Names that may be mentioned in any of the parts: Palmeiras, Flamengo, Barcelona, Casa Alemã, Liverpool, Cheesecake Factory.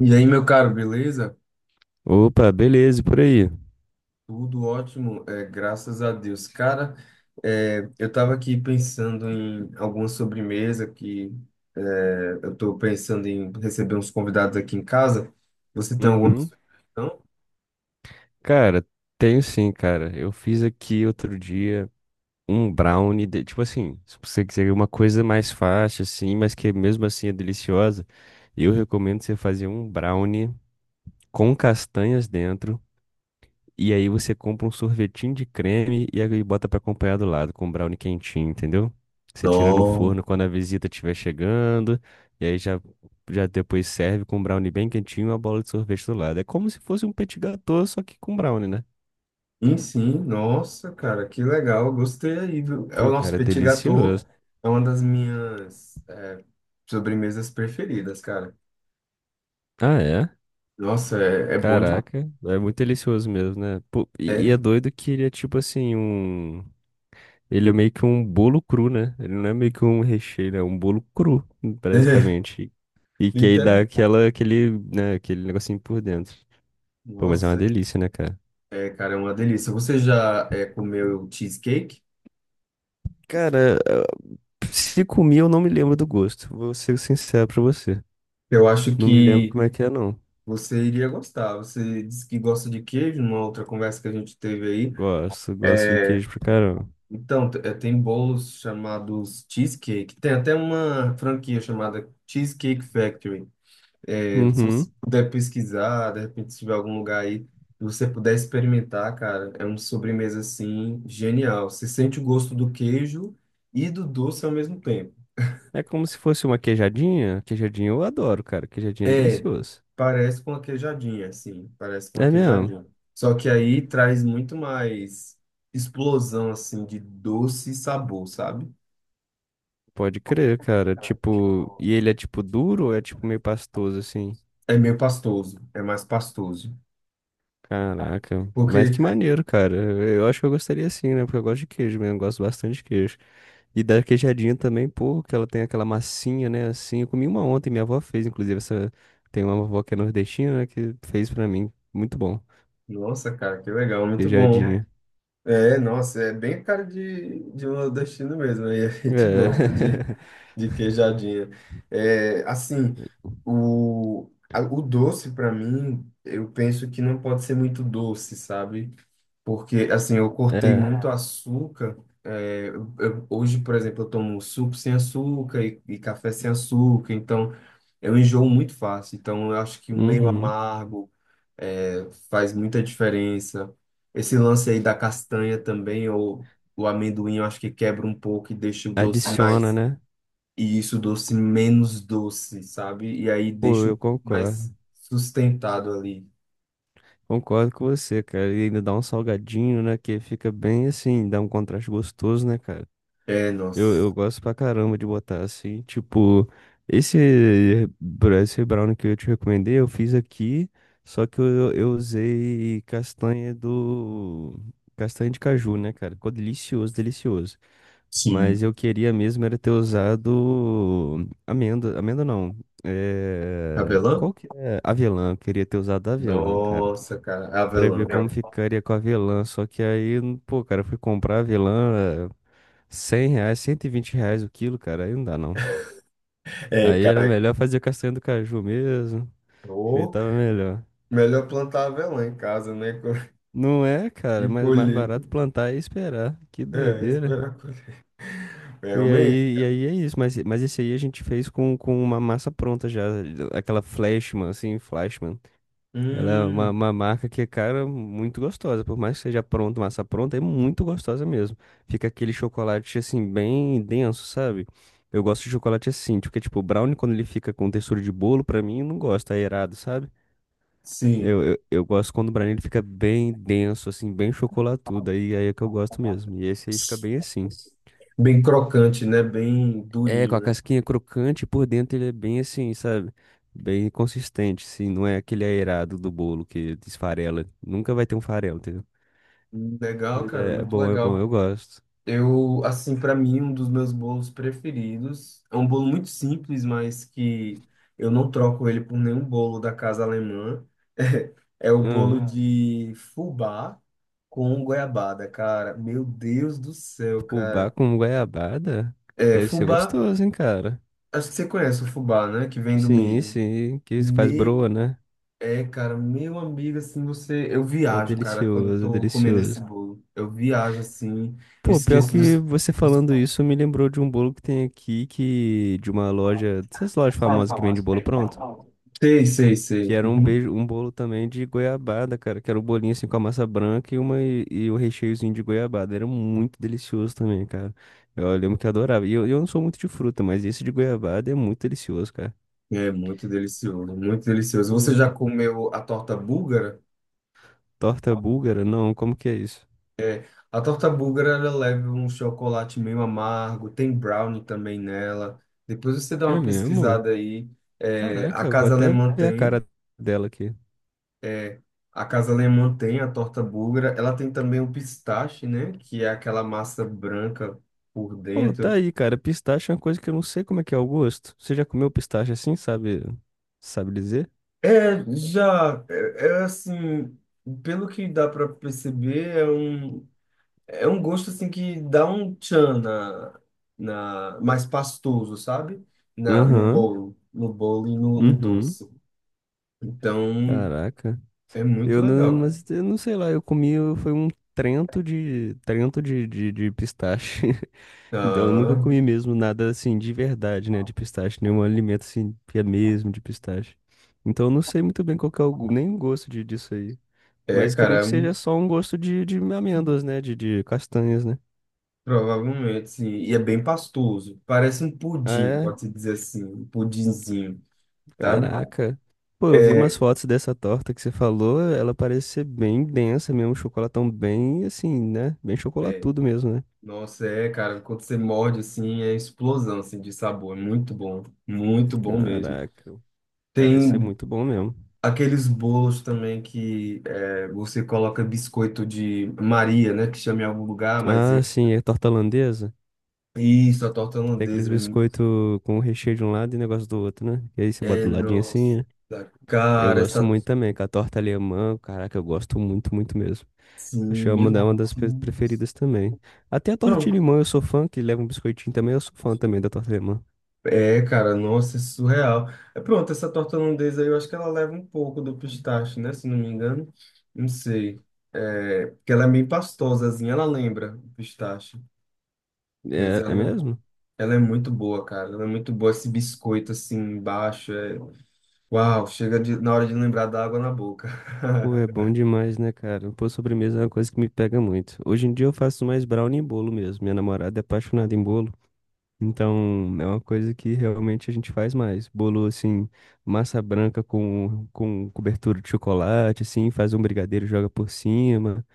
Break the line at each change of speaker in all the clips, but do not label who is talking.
E aí, meu caro, beleza?
Opa, beleza, e por aí?
Tudo ótimo, graças a Deus. Cara, eu estava aqui pensando em alguma sobremesa que é, eu estou pensando em receber uns convidados aqui em casa. Você tem alguma
Uhum.
sugestão?
Cara, tenho sim, cara. Eu fiz aqui outro dia um brownie, tipo assim, se você quiser uma coisa mais fácil, assim, mas que mesmo assim é deliciosa, eu recomendo você fazer um brownie com castanhas dentro. E aí você compra um sorvetinho de creme e aí bota pra acompanhar do lado com um brownie quentinho, entendeu? Você tira no
Não.
forno quando a visita estiver chegando, e aí já, já depois serve com um brownie bem quentinho e uma bola de sorvete do lado. É como se fosse um petit gâteau, só que com brownie, né?
Sim, sim, nossa, cara, que legal, gostei aí, viu? É o
Pô,
nosso
cara, é
petit gâteau,
delicioso.
é uma das minhas sobremesas preferidas, cara.
Ah, é?
Nossa, é bom demais.
Caraca, é muito delicioso mesmo, né? Pô, e é
É,
doido que ele é tipo assim, um. Ele é meio que um bolo cru, né? Ele não é meio que um recheio, ele é um bolo cru, basicamente. E que aí dá
literal.
aquela, aquele, né, aquele negocinho por dentro. Pô, mas é uma
Nossa.
delícia, né, cara?
Cara, é uma delícia. Você já comeu cheesecake?
Cara, se comi, eu não me lembro do gosto. Vou ser sincero pra você.
Eu acho
Não me lembro
que
como é que é, não.
você iria gostar. Você disse que gosta de queijo, numa outra conversa que a gente teve aí.
Gosto, gosto de
É,
queijo pra caramba.
então, tem bolos chamados cheesecake. Tem até uma franquia chamada Cheesecake Factory. É, se você
Uhum.
puder pesquisar, de repente, se tiver algum lugar aí, e você puder experimentar, cara, é uma sobremesa assim genial. Você sente o gosto do queijo e do doce ao mesmo tempo.
É como se fosse uma queijadinha. Queijadinha eu adoro, cara. Queijadinha é
É,
delicioso.
parece com a queijadinha, sim, parece com a
É mesmo?
queijadinha. Só que aí traz muito mais explosão, assim, de doce e sabor, sabe?
Pode crer, cara. Tipo, e ele é tipo duro ou é tipo meio pastoso assim?
É meio pastoso, é mais pastoso.
Caraca, mas
Porque,
que maneiro, cara. Eu acho que eu gostaria sim, né? Porque eu gosto de queijo mesmo, eu gosto bastante de queijo. E da queijadinha também, pô, que ela tem aquela massinha, né? Assim, eu comi uma ontem, minha avó fez, inclusive, essa. Tem uma avó que é nordestina, né? Que fez pra mim. Muito bom.
nossa, cara, que legal, muito bom.
Queijadinha.
É, nossa, é bem a cara de um nordestino mesmo, aí a gente
É.
gosta de queijadinha. É, assim, o doce, para mim, eu penso que não pode ser muito doce, sabe? Porque, assim, eu cortei
É.
muito açúcar. É, hoje, por exemplo, eu tomo suco sem açúcar e café sem açúcar. Então, eu enjoo muito fácil. Então, eu acho que o meio
Uhum.
amargo faz muita diferença. Esse lance aí da castanha também, ou o amendoim, eu acho que quebra um pouco e deixa o doce
Adiciona,
mais...
né?
E isso, o doce menos doce, sabe? E aí
Pô,
deixa o
eu
mais
concordo.
sustentado ali.
Concordo com você, cara. E ainda dá um salgadinho, né? Que fica bem assim, dá um contraste gostoso, né, cara?
É,
Eu,
nossa.
eu gosto pra caramba de botar assim, tipo, esse, esse brownie que eu te recomendei, eu fiz aqui, só que eu usei castanha do. Castanha de caju, né, cara? Ficou delicioso, delicioso.
Sim.
Mas eu queria mesmo era ter usado amêndoa, amêndoa não. É... Qual
Cabelão?
que é? Avelã, eu queria ter usado avelã, cara.
Nossa, cara,
Pra
avelã.
ver
Né?
como ficaria com avelã. Só que aí, pô, cara, eu fui comprar avelã R$ 100, R$ 120 o quilo, cara, aí não dá não.
É,
Aí era
cara,
melhor fazer castanha do caju mesmo, que aí
ô,
tava melhor.
melhor plantar avelã em casa, né? co-
Não é,
E
cara, mas mais
colher.
barato plantar e esperar. Que
É,
doideira.
esperar colher.
E
Realmente.
aí, e aí é isso, mas esse aí a gente fez com uma massa pronta já, aquela Flashman, assim, Flashman. Ela é
Hum,
uma marca que, cara, muito gostosa. Por mais que seja pronta, massa pronta, é muito gostosa mesmo. Fica aquele chocolate, assim, bem denso, sabe? Eu gosto de chocolate assim, porque, tipo, o brownie, quando ele fica com textura de bolo, pra mim, não gosta, é errado, sabe?
sim.
Eu gosto quando o brownie ele fica bem denso, assim, bem chocolatudo. Aí é que eu gosto mesmo. E esse aí fica bem assim.
Bem crocante, né? Bem
É,
durinho,
com a
né?
casquinha crocante, por dentro ele é bem assim, sabe? Bem consistente, assim, não é aquele aerado do bolo que desfarela. Nunca vai ter um farelo, entendeu?
Legal,
Mas
cara,
é,
muito
é bom,
legal.
eu gosto.
Eu, assim, para mim, um dos meus bolos preferidos é um bolo muito simples, mas que eu não troco ele por nenhum bolo da casa alemã. É, o bolo
Ah,
Ah. de fubá com goiabada, cara. Meu Deus do céu, cara.
fubá com goiabada?
É,
Deve ser
fubá,
gostoso, hein, cara?
acho que você conhece o fubá, né? Que vem do
Sim,
milho.
sim, que isso faz broa,
Meu,
né?
é, cara, meu amigo, assim, você. Eu
É
viajo, cara, quando eu
delicioso, é
tô comendo esse
delicioso.
bolo. Eu viajo, assim, eu
Pô, pior
esqueço
que
dos.
você falando
dos-
isso me lembrou de um bolo que tem aqui, que de uma loja, dessas lojas famosas que vende bolo pronto.
Sei, sei,
Que
sei.
era um
Uhum.
beijo, um bolo também de goiabada, cara. Que era o bolinho assim com a massa branca e e o recheiozinho de goiabada. Era muito delicioso também, cara. Eu lembro que eu adorava. E eu não sou muito de fruta, mas esse de goiabada é muito delicioso, cara.
É muito delicioso, muito delicioso. Você
Hum,
já comeu a torta búlgara?
torta búlgara? Não, como que é isso?
A torta búlgara, ela leva um chocolate meio amargo, tem brownie também nela. Depois você dá
É
uma
mesmo?
pesquisada aí. É, a
Caraca, vou
Casa
até
Alemã
ver a
tem,
cara dela aqui.
é, a Casa Alemã tem a torta búlgara. Ela tem também o pistache, né? Que é aquela massa branca por
Pô, tá
dentro.
aí, cara. Pistache é uma coisa que eu não sei como é que é o gosto. Você já comeu pistache assim, sabe? Sabe dizer?
É, já, é assim, pelo que dá para perceber, é é um gosto assim que dá um tchan na mais pastoso, sabe? No
Aham.
bolo, no bolo e no
Uhum.
doce. Então,
Caraca.
é muito
Eu não,
legal.
mas eu não sei lá, eu comi, foi um trento de, de pistache. Então eu nunca
Ah,
comi mesmo nada assim de verdade, né, de pistache, nenhum alimento assim que é mesmo de pistache. Então eu não sei muito bem qual que é o, nem o gosto de, disso aí.
é,
Mas
cara,
creio
é
que seja
muito-
só um gosto de amêndoas, né, de castanhas, né?
provavelmente sim. E é bem pastoso. Parece um
Ah,
pudim,
é?
pode-se dizer assim, um pudinzinho, sabe?
Caraca. Pô, eu vi
É,
umas fotos dessa torta que você falou, ela parece ser bem densa mesmo, um chocolatão bem assim, né? Bem chocolatudo mesmo, né?
nossa, é, cara, quando você morde assim, é explosão assim de sabor, é muito bom mesmo.
Caraca. Parece ser
Tem
muito bom mesmo.
aqueles bolos também que é, você coloca biscoito de Maria, né? Que chama em algum lugar, mas é-
Ah, sim, é torta holandesa.
isso, a torta
Que tem aqueles
holandesa.
biscoitos com o recheio de um lado e negócio do outro, né? E aí você bota
É,
do ladinho assim,
nossa,
né? Eu
cara,
gosto
essa.
muito também, com a torta alemã. Caraca, eu gosto muito, muito mesmo. Acho que é
Sim,
uma
meu
uma das
Deus.
preferidas também. Até a torta de
Pronto.
limão eu sou fã, que leva um biscoitinho também, eu sou fã também da torta alemã.
É, cara, nossa, é surreal. É, pronto, essa torta holandesa aí, eu acho que ela leva um pouco do pistache, né? Se não me engano. Não sei. É, porque ela é meio pastosazinha, ela lembra o pistache. Mas
É, é
ela,
mesmo?
ela é muito boa, cara. Ela é muito boa. Esse biscoito assim embaixo. Uau, chega de, na hora de lembrar da água na boca.
Pô, é bom demais, né, cara? Pô, sobremesa é uma coisa que me pega muito. Hoje em dia eu faço mais brownie e bolo mesmo. Minha namorada é apaixonada em bolo. Então, é uma coisa que realmente a gente faz mais. Bolo, assim, massa branca com cobertura de chocolate, assim, faz um brigadeiro, e joga por cima.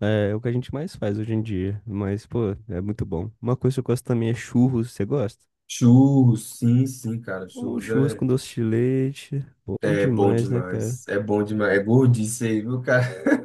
É, é o que a gente mais faz hoje em dia. Mas, pô, é muito bom. Uma coisa que eu gosto também é churros. Você gosta?
Churros, sim, sim, cara.
Um churros com doce de leite. Bom
É bom
demais, né, cara?
demais. É bom demais. É gordice aí, viu, cara?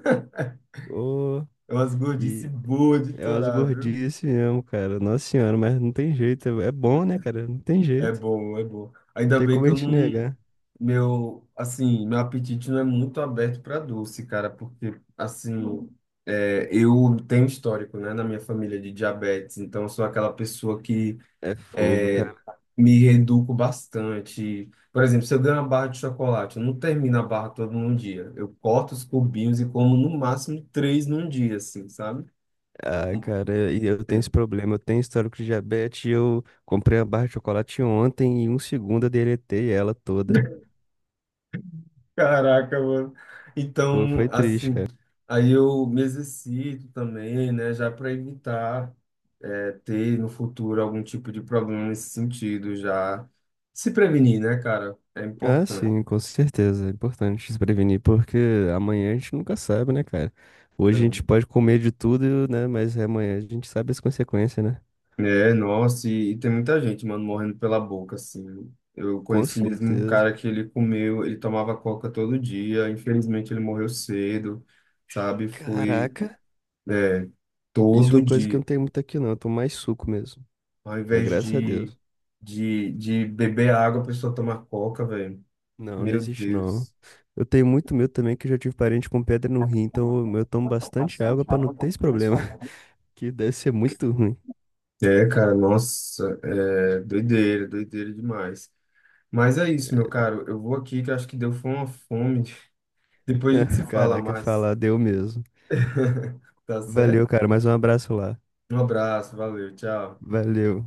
Ô,
É umas gordice
e
boas de
é umas
torar, viu?
gordices mesmo, cara. Nossa senhora, mas não tem jeito. É é bom, né, cara? Não tem
É
jeito.
bom, é bom.
Não
Ainda
tem
bem
como
que
a
eu
gente
não.
negar.
Meu, assim, meu apetite não é muito aberto para doce, cara, porque, assim, é, eu tenho histórico, né, na minha família de diabetes, então eu sou aquela pessoa que
É fogo,
é,
cara.
me reduzo bastante. Por exemplo, se eu ganho uma barra de chocolate, eu não termino a barra toda num dia. Eu corto os cubinhos e como no máximo três num dia, assim, sabe?
Ah, cara, e eu tenho esse problema. Eu tenho histórico de diabetes. E eu comprei a barra de chocolate ontem e em um segundo eu deletei ela toda.
Caraca, mano.
Pô,
Então,
foi triste,
assim,
cara.
aí eu me exercito também, né, já para evitar ter no futuro algum tipo de problema nesse sentido, já se prevenir, né, cara? É
Ah,
importante.
sim, com certeza. É importante se prevenir, porque amanhã a gente nunca sabe, né, cara? Hoje a gente pode comer de tudo, né? Mas amanhã a gente sabe as consequências, né?
É, nossa, e tem muita gente, mano, morrendo pela boca, assim. Eu
Com
conheci mesmo um
certeza.
cara que ele comeu, ele tomava coca todo dia, infelizmente ele morreu cedo, sabe? Foi,
Caraca,
é,
isso é
todo
uma coisa que eu
dia.
não tenho muito aqui, não. Eu tomo mais suco mesmo,
Ao
né?
invés
Graças a Deus.
de beber água, a pessoa toma coca, velho.
Não, não
Meu
existe não.
Deus.
Eu tenho muito medo também que eu já tive parente com pedra no rim, então eu tomo bastante água pra não ter esse problema, que deve ser muito ruim.
É, cara, nossa, é doideira, doideira demais. Mas é isso, meu caro, eu vou aqui que eu acho que deu foi uma fome. Depois a gente se fala
Caraca,
mais,
falar deu mesmo.
tá
Valeu,
certo?
cara, mais um abraço lá.
Um abraço, valeu, tchau.
Valeu.